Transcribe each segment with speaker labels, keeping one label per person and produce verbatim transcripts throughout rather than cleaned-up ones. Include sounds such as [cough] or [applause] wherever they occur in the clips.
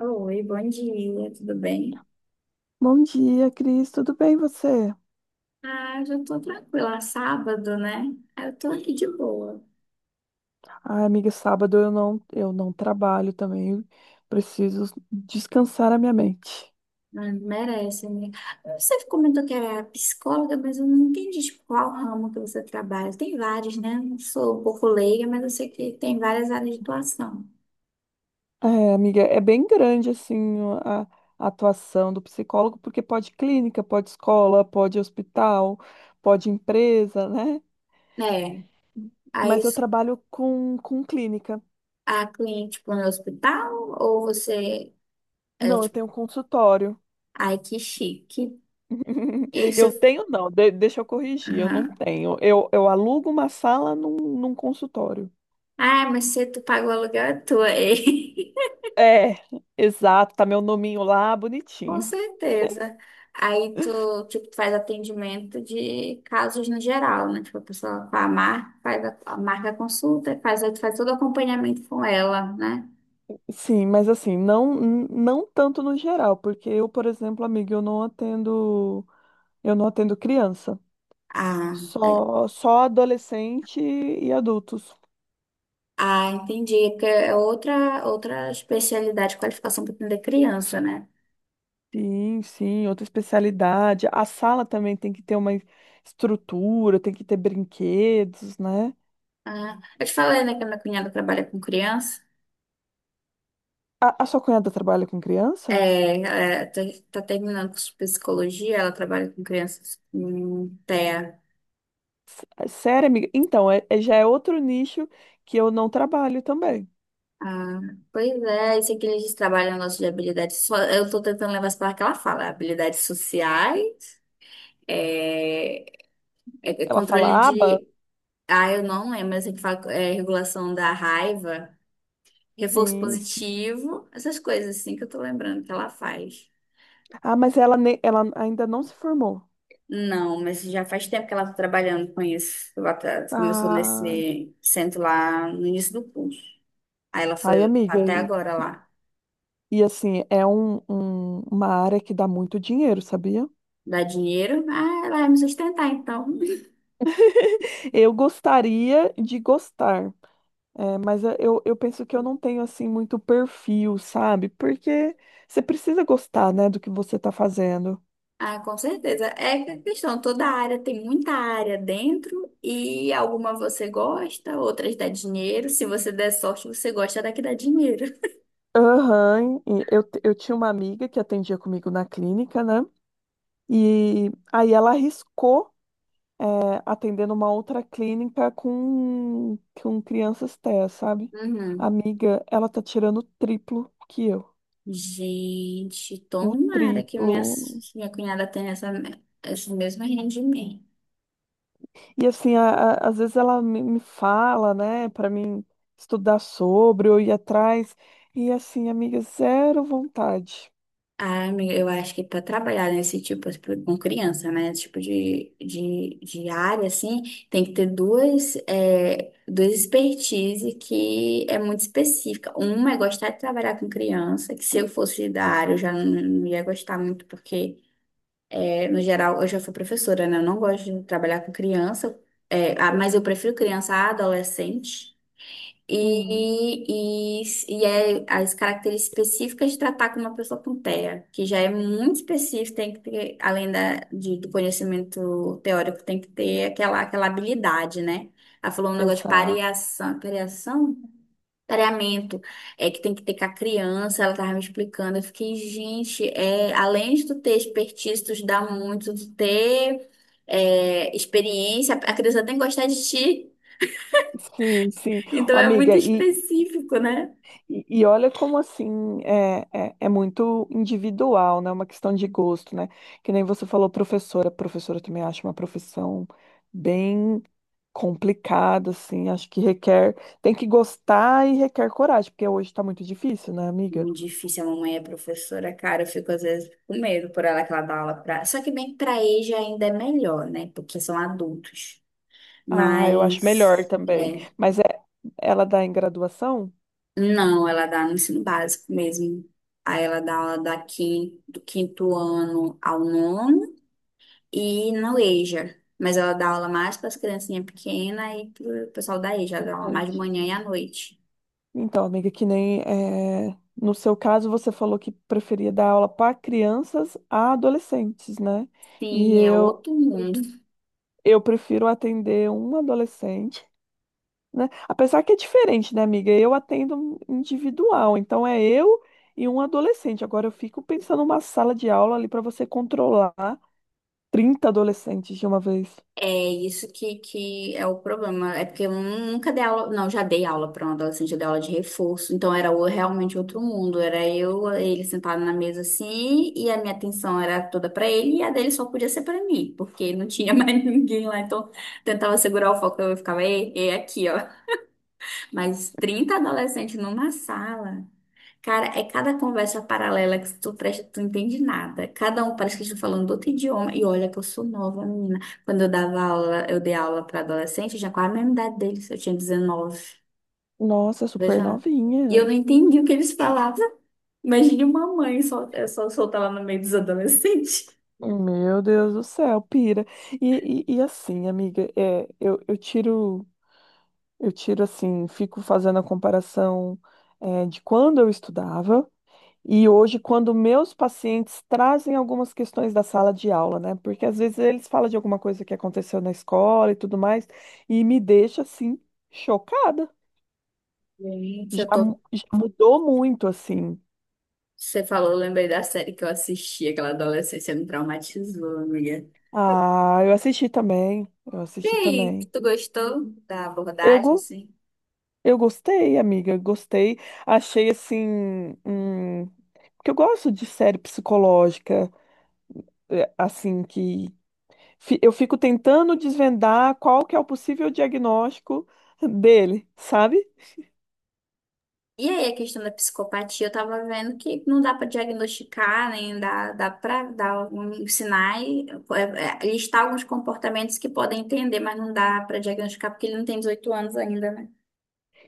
Speaker 1: Oi, bom dia, tudo bem?
Speaker 2: Bom dia, Cris. Tudo bem e você?
Speaker 1: Ah, já tô tranquila, sábado, né? Ah, Eu tô aqui de boa.
Speaker 2: Ai, amiga, sábado eu não, eu não trabalho também. Preciso descansar a minha mente.
Speaker 1: Ah, merece, né? Você comentou que era psicóloga, mas eu não entendi, tipo, qual ramo que você trabalha. Tem vários, né? Não sou um pouco leiga, mas eu sei que tem várias áreas de atuação.
Speaker 2: É, amiga, é bem grande assim a, a atuação do psicólogo, porque pode clínica, pode escola, pode hospital, pode empresa, né?
Speaker 1: É, aí
Speaker 2: Mas eu trabalho com, com clínica.
Speaker 1: a cliente, tipo, no hospital, ou você, é,
Speaker 2: Não, eu
Speaker 1: tipo,
Speaker 2: tenho consultório.
Speaker 1: ai, que chique. E
Speaker 2: [laughs] Eu
Speaker 1: você,
Speaker 2: tenho, não, de- deixa eu corrigir, eu não
Speaker 1: aham.
Speaker 2: tenho. Eu, eu alugo uma sala num, num consultório.
Speaker 1: Ah, mas se tu pagou o aluguel, é tua, hein? [laughs]
Speaker 2: É, exato, tá meu nominho lá,
Speaker 1: Com
Speaker 2: bonitinho.
Speaker 1: certeza. Aí tu, tipo, tu faz atendimento de casos no geral, né? Tipo, a pessoa faz mar faz a, a marca a consulta, faz, aí tu faz todo o acompanhamento com ela, né?
Speaker 2: Sim, mas assim, não não tanto no geral, porque eu, por exemplo, amiga, eu não atendo, eu não atendo criança,
Speaker 1: Ah, é.
Speaker 2: só só adolescente e adultos.
Speaker 1: Ah, entendi. É, porque é outra, outra especialidade, qualificação para atender criança, né?
Speaker 2: Sim, sim, outra especialidade. A sala também tem que ter uma estrutura, tem que ter brinquedos, né?
Speaker 1: Ah, eu te falei, né, que a minha cunhada trabalha com criança.
Speaker 2: A, a sua cunhada trabalha com criança?
Speaker 1: É, é, tá, tá terminando com psicologia, ela trabalha com crianças com TEA.
Speaker 2: É sério, amiga? Então, é, é- já é outro nicho que eu não trabalho também.
Speaker 1: Ah, pois é, isso aqui eles trabalham o nosso de habilidades. so- Eu estou tentando levar isso para que ela fala. Habilidades sociais, é, é- é
Speaker 2: Ela
Speaker 1: controle
Speaker 2: fala aba?
Speaker 1: de. Ah, eu não lembro, mas que fala é, regulação da raiva, reforço
Speaker 2: Sim,
Speaker 1: positivo, essas coisas assim que eu estou lembrando que ela faz.
Speaker 2: ah, mas ela, ne- ela ainda não se formou.
Speaker 1: Não, mas já faz tempo que ela está trabalhando com isso. Ela tá- começou
Speaker 2: Ah,
Speaker 1: nesse centro lá no início do curso. Aí ela
Speaker 2: ai,
Speaker 1: foi
Speaker 2: amiga.
Speaker 1: até
Speaker 2: E,
Speaker 1: agora lá.
Speaker 2: e assim, é um, um- uma área que dá muito dinheiro, sabia?
Speaker 1: Dá dinheiro? Ah, ela vai me sustentar então.
Speaker 2: [laughs] Eu gostaria de gostar, é, mas eu, eu eu penso que eu não tenho assim muito perfil, sabe? Porque você precisa gostar, né, do que você está fazendo.
Speaker 1: Ah, com certeza. É que a questão, toda área tem muita área dentro e alguma você gosta, outras dá dinheiro. Se você der sorte, você gosta da que dá dinheiro.
Speaker 2: Aham, e eu, t- eu tinha uma amiga que atendia comigo na clínica, né? E aí ela arriscou, é, atendendo uma outra clínica com, com crianças T E A, sabe?
Speaker 1: Uhum.
Speaker 2: Amiga, ela tá tirando o triplo que eu.
Speaker 1: Gente,
Speaker 2: O
Speaker 1: tomara que
Speaker 2: triplo.
Speaker 1: minha, minha cunhada tenha essa, esse mesmo rendimento.
Speaker 2: E assim, a- a- às vezes ela me, me fala, né, pra mim estudar sobre ou ir atrás. E assim, amiga, zero vontade.
Speaker 1: Ah, amiga, eu acho que para trabalhar nesse tipo, tipo, com criança, né? Esse tipo de, de, de área, assim, tem que ter duas, é, duas expertise que é muito específica. Uma é gostar de trabalhar com criança, que se eu fosse da área, eu já não, não ia gostar muito, porque, é, no geral, eu já fui professora, né? Eu não gosto de trabalhar com criança, é, ah, mas eu prefiro criança a adolescente.
Speaker 2: Hum,
Speaker 1: E, e, e é as características específicas de tratar com uma pessoa com TEA, que já é muito específico, tem que ter, além da, de- do conhecimento teórico, tem que ter aquela, aquela habilidade, né? Ela falou um negócio de
Speaker 2: exato.
Speaker 1: pareação, pareação? Pareamento, é que tem que ter com a criança, ela tava me explicando. Eu fiquei, gente, é, além de tu ter expertise, tu dá muito, tu ter é, experiência, a criança tem que gostar de ti,
Speaker 2: Sim, sim.
Speaker 1: então
Speaker 2: Ô,
Speaker 1: é muito
Speaker 2: amiga, e,
Speaker 1: específico, né?
Speaker 2: E, e olha como assim é, é, é muito individual, né? Uma questão de gosto, né? Que nem você falou, professora. Professora eu também acho uma profissão bem complicada, assim. Acho que requer, tem que gostar e requer coragem, porque hoje tá muito difícil, né, amiga?
Speaker 1: Muito difícil, a mamãe é professora, cara, eu fico às vezes com medo por ela que ela dá aula pra. Só que bem que pra EJA ainda é melhor, né? Porque são adultos.
Speaker 2: Ah, eu acho melhor
Speaker 1: Mas,
Speaker 2: também.
Speaker 1: é.
Speaker 2: Mas é, ela dá em graduação?
Speaker 1: Não, ela dá no ensino básico mesmo. Aí ela dá aula da quin- do quinto ano ao nono e no EJA. Mas ela dá aula mais para as criancinhas pequenas e pro pessoal da EJA, ela dá aula mais de manhã
Speaker 2: Entendi.
Speaker 1: e à noite.
Speaker 2: Então, amiga, que nem eh, no seu caso você falou que preferia dar aula para crianças a adolescentes, né? E
Speaker 1: Sim, é
Speaker 2: eu
Speaker 1: outro mundo.
Speaker 2: eu prefiro atender um adolescente, né? Apesar que é diferente, né, amiga? Eu atendo um individual, então é eu e um adolescente. Agora eu fico pensando numa sala de aula ali para você controlar trinta adolescentes de uma vez.
Speaker 1: É isso que, que é o problema. É porque eu nunca dei aula. Não, já dei aula para um adolescente, eu dei aula de reforço. Então era o- realmente outro mundo. Era eu, ele sentado na mesa assim, e a minha atenção era toda para ele, e a dele só podia ser para mim, porque não tinha [laughs] mais ninguém lá. Então tentava segurar o foco, eu ficava, ei, ei, aqui, ó. Mas trinta adolescentes numa sala. Cara, é cada conversa paralela que tu presta, tu não entende nada. Cada um parece que estão falando outro idioma. E olha que eu sou nova, menina. Quando eu dava aula, eu dei aula para adolescente, eu já com a mesma idade deles, eu tinha dezenove.
Speaker 2: Nossa, super
Speaker 1: Veja. E eu não
Speaker 2: novinha.
Speaker 1: entendi o que eles falavam. Imagine uma mãe só, eu só soltar lá no meio dos adolescentes.
Speaker 2: Meu Deus do céu, pira. E, e, e assim, amiga, é, eu, eu tiro. Eu tiro assim, fico fazendo a comparação, eh, de quando eu estudava e hoje, quando meus pacientes trazem algumas questões da sala de aula, né? Porque às vezes eles falam de alguma coisa que aconteceu na escola e tudo mais, e me deixa assim, chocada.
Speaker 1: Gente, eu
Speaker 2: Já,
Speaker 1: tô.
Speaker 2: mu- já mudou muito, assim.
Speaker 1: Você falou, eu lembrei da série que eu assisti, aquela adolescência me traumatizou, amiga.
Speaker 2: Ah, eu assisti também, eu
Speaker 1: E
Speaker 2: assisti
Speaker 1: aí, que
Speaker 2: também.
Speaker 1: tu gostou da
Speaker 2: Eu,
Speaker 1: abordagem,
Speaker 2: go-
Speaker 1: assim?
Speaker 2: eu gostei, amiga, gostei. Achei assim, hum, porque eu gosto de série psicológica. É, assim que fi- eu fico tentando desvendar qual que é o possível diagnóstico dele, sabe?
Speaker 1: E aí, a questão da psicopatia, eu tava vendo que não dá pra diagnosticar, nem dá, dá para dar alguns sinais, é, é, listar alguns comportamentos que podem entender, mas não dá pra diagnosticar porque ele não tem dezoito anos ainda, né?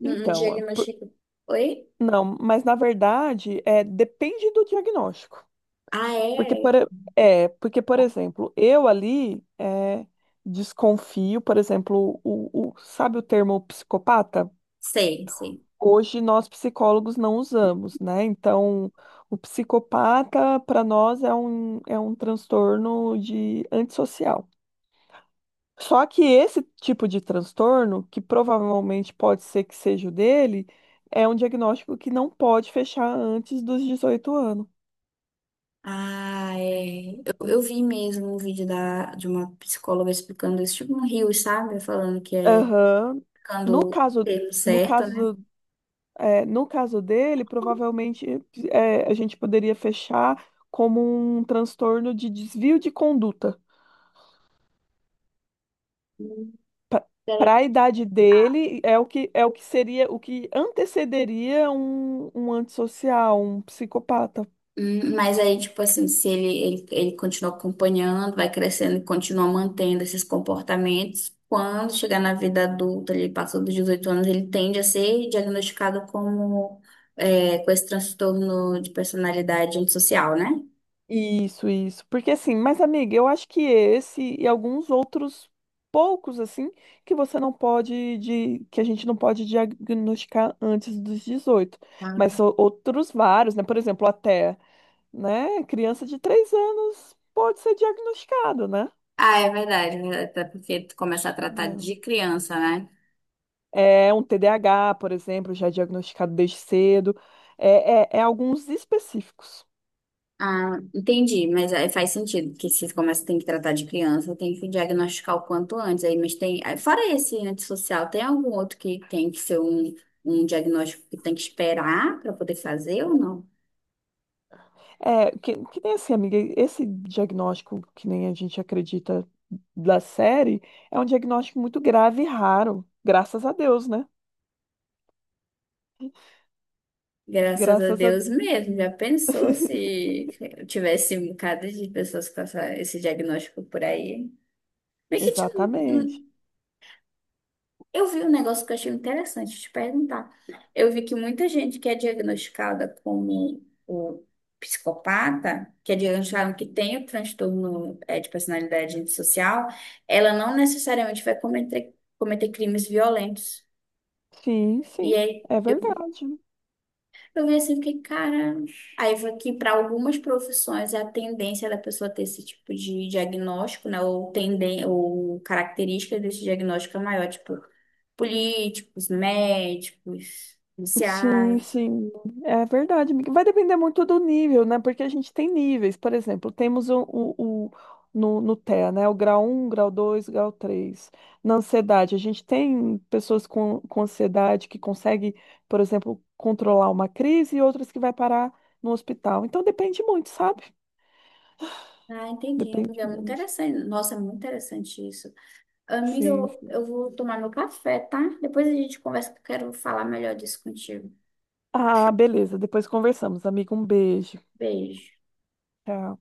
Speaker 1: Não, não
Speaker 2: Então, é, por-
Speaker 1: diagnostica. Oi?
Speaker 2: não, mas na verdade é depende do diagnóstico.
Speaker 1: Ah,
Speaker 2: Porque por,
Speaker 1: é?
Speaker 2: e- é, porque por exemplo, eu ali é, desconfio, por exemplo, o, o- sabe o termo psicopata?
Speaker 1: Sei, sei.
Speaker 2: Hoje nós psicólogos não usamos, né? Então, o psicopata para nós é um, é um transtorno de antissocial. Só que esse tipo de transtorno, que provavelmente pode ser que seja o dele, é um diagnóstico que não pode fechar antes dos dezoito anos.
Speaker 1: Ah, é. Eu, eu vi mesmo um vídeo da, de uma psicóloga explicando isso, tipo um rio, sabe? Falando que é
Speaker 2: Aham. No
Speaker 1: ficando o
Speaker 2: caso,
Speaker 1: termo
Speaker 2: no
Speaker 1: certo, né?
Speaker 2: caso, é, no caso dele, provavelmente é, a gente poderia fechar como um transtorno de desvio de conduta.
Speaker 1: Hum.
Speaker 2: Para a idade dele, é o que, é o que seria, o que antecederia um, um antissocial, um psicopata.
Speaker 1: Hum, mas aí, tipo assim, se ele, ele, ele continua acompanhando, vai crescendo e continua mantendo esses comportamentos, quando chegar na vida adulta, ele passou dos dezoito anos, ele tende a ser diagnosticado como, é, com esse transtorno de personalidade antissocial, né?
Speaker 2: Isso, isso. Porque assim, mas amiga, eu acho que esse e alguns outros poucos assim que você não pode de que a gente não pode diagnosticar antes dos dezoito, mas
Speaker 1: Ah,
Speaker 2: são outros vários, né? Por exemplo, até, né, criança de três anos pode ser diagnosticado, né?
Speaker 1: ah, é verdade, é verdade, até porque tu começa a tratar
Speaker 2: Não.
Speaker 1: de criança, né?
Speaker 2: É um T D A H, por exemplo, já é diagnosticado desde cedo. É, é, é alguns específicos.
Speaker 1: Ah, entendi, mas aí faz sentido que se começa tem que tratar de criança, tem que diagnosticar o quanto antes aí, mas tem, aí, fora esse antissocial, tem algum outro que tem que ser um, um diagnóstico que tem que esperar para poder fazer ou não?
Speaker 2: É, que, que nem assim, amiga, esse diagnóstico que nem a gente acredita da série é um diagnóstico muito grave e raro, graças a Deus, né?
Speaker 1: Graças a
Speaker 2: Graças a...
Speaker 1: Deus mesmo, já pensou
Speaker 2: [laughs]
Speaker 1: se tivesse um bocado de pessoas com essa- esse diagnóstico por aí? Mas que
Speaker 2: Exatamente.
Speaker 1: eu vi um negócio que eu achei interessante te perguntar. Eu vi que muita gente que é diagnosticada como o psicopata, que é diagnosticada que tem o transtorno eh, de personalidade antissocial, ela não necessariamente vai cometer, cometer crimes violentos.
Speaker 2: Sim,
Speaker 1: E
Speaker 2: sim,
Speaker 1: aí
Speaker 2: é
Speaker 1: eu
Speaker 2: verdade.
Speaker 1: eu vi assim, fiquei, cara. Aí foi que para algumas profissões é a tendência da pessoa ter esse tipo de diagnóstico, né? Ou tenden ou característica desse diagnóstico é maior, tipo políticos, médicos,
Speaker 2: Sim,
Speaker 1: policiais.
Speaker 2: sim, é verdade, amiga. Vai depender muito do nível, né? Porque a gente tem níveis, por exemplo, temos o, o, o- no, no T E A, né? O grau um grau dois grau três. Na ansiedade, a gente tem pessoas com, com ansiedade que consegue, por exemplo, controlar uma crise e outras que vai parar no hospital. Então depende muito, sabe?
Speaker 1: Ah, entendi,
Speaker 2: Depende
Speaker 1: amiga. É muito
Speaker 2: muito.
Speaker 1: interessante. Nossa, é muito interessante isso. Amiga,
Speaker 2: Sim,
Speaker 1: eu,
Speaker 2: sim.
Speaker 1: eu vou tomar meu café, tá? Depois a gente conversa que eu quero falar melhor disso contigo.
Speaker 2: Ah, beleza. Depois conversamos, amiga. Um beijo.
Speaker 1: Beijo.
Speaker 2: Tchau.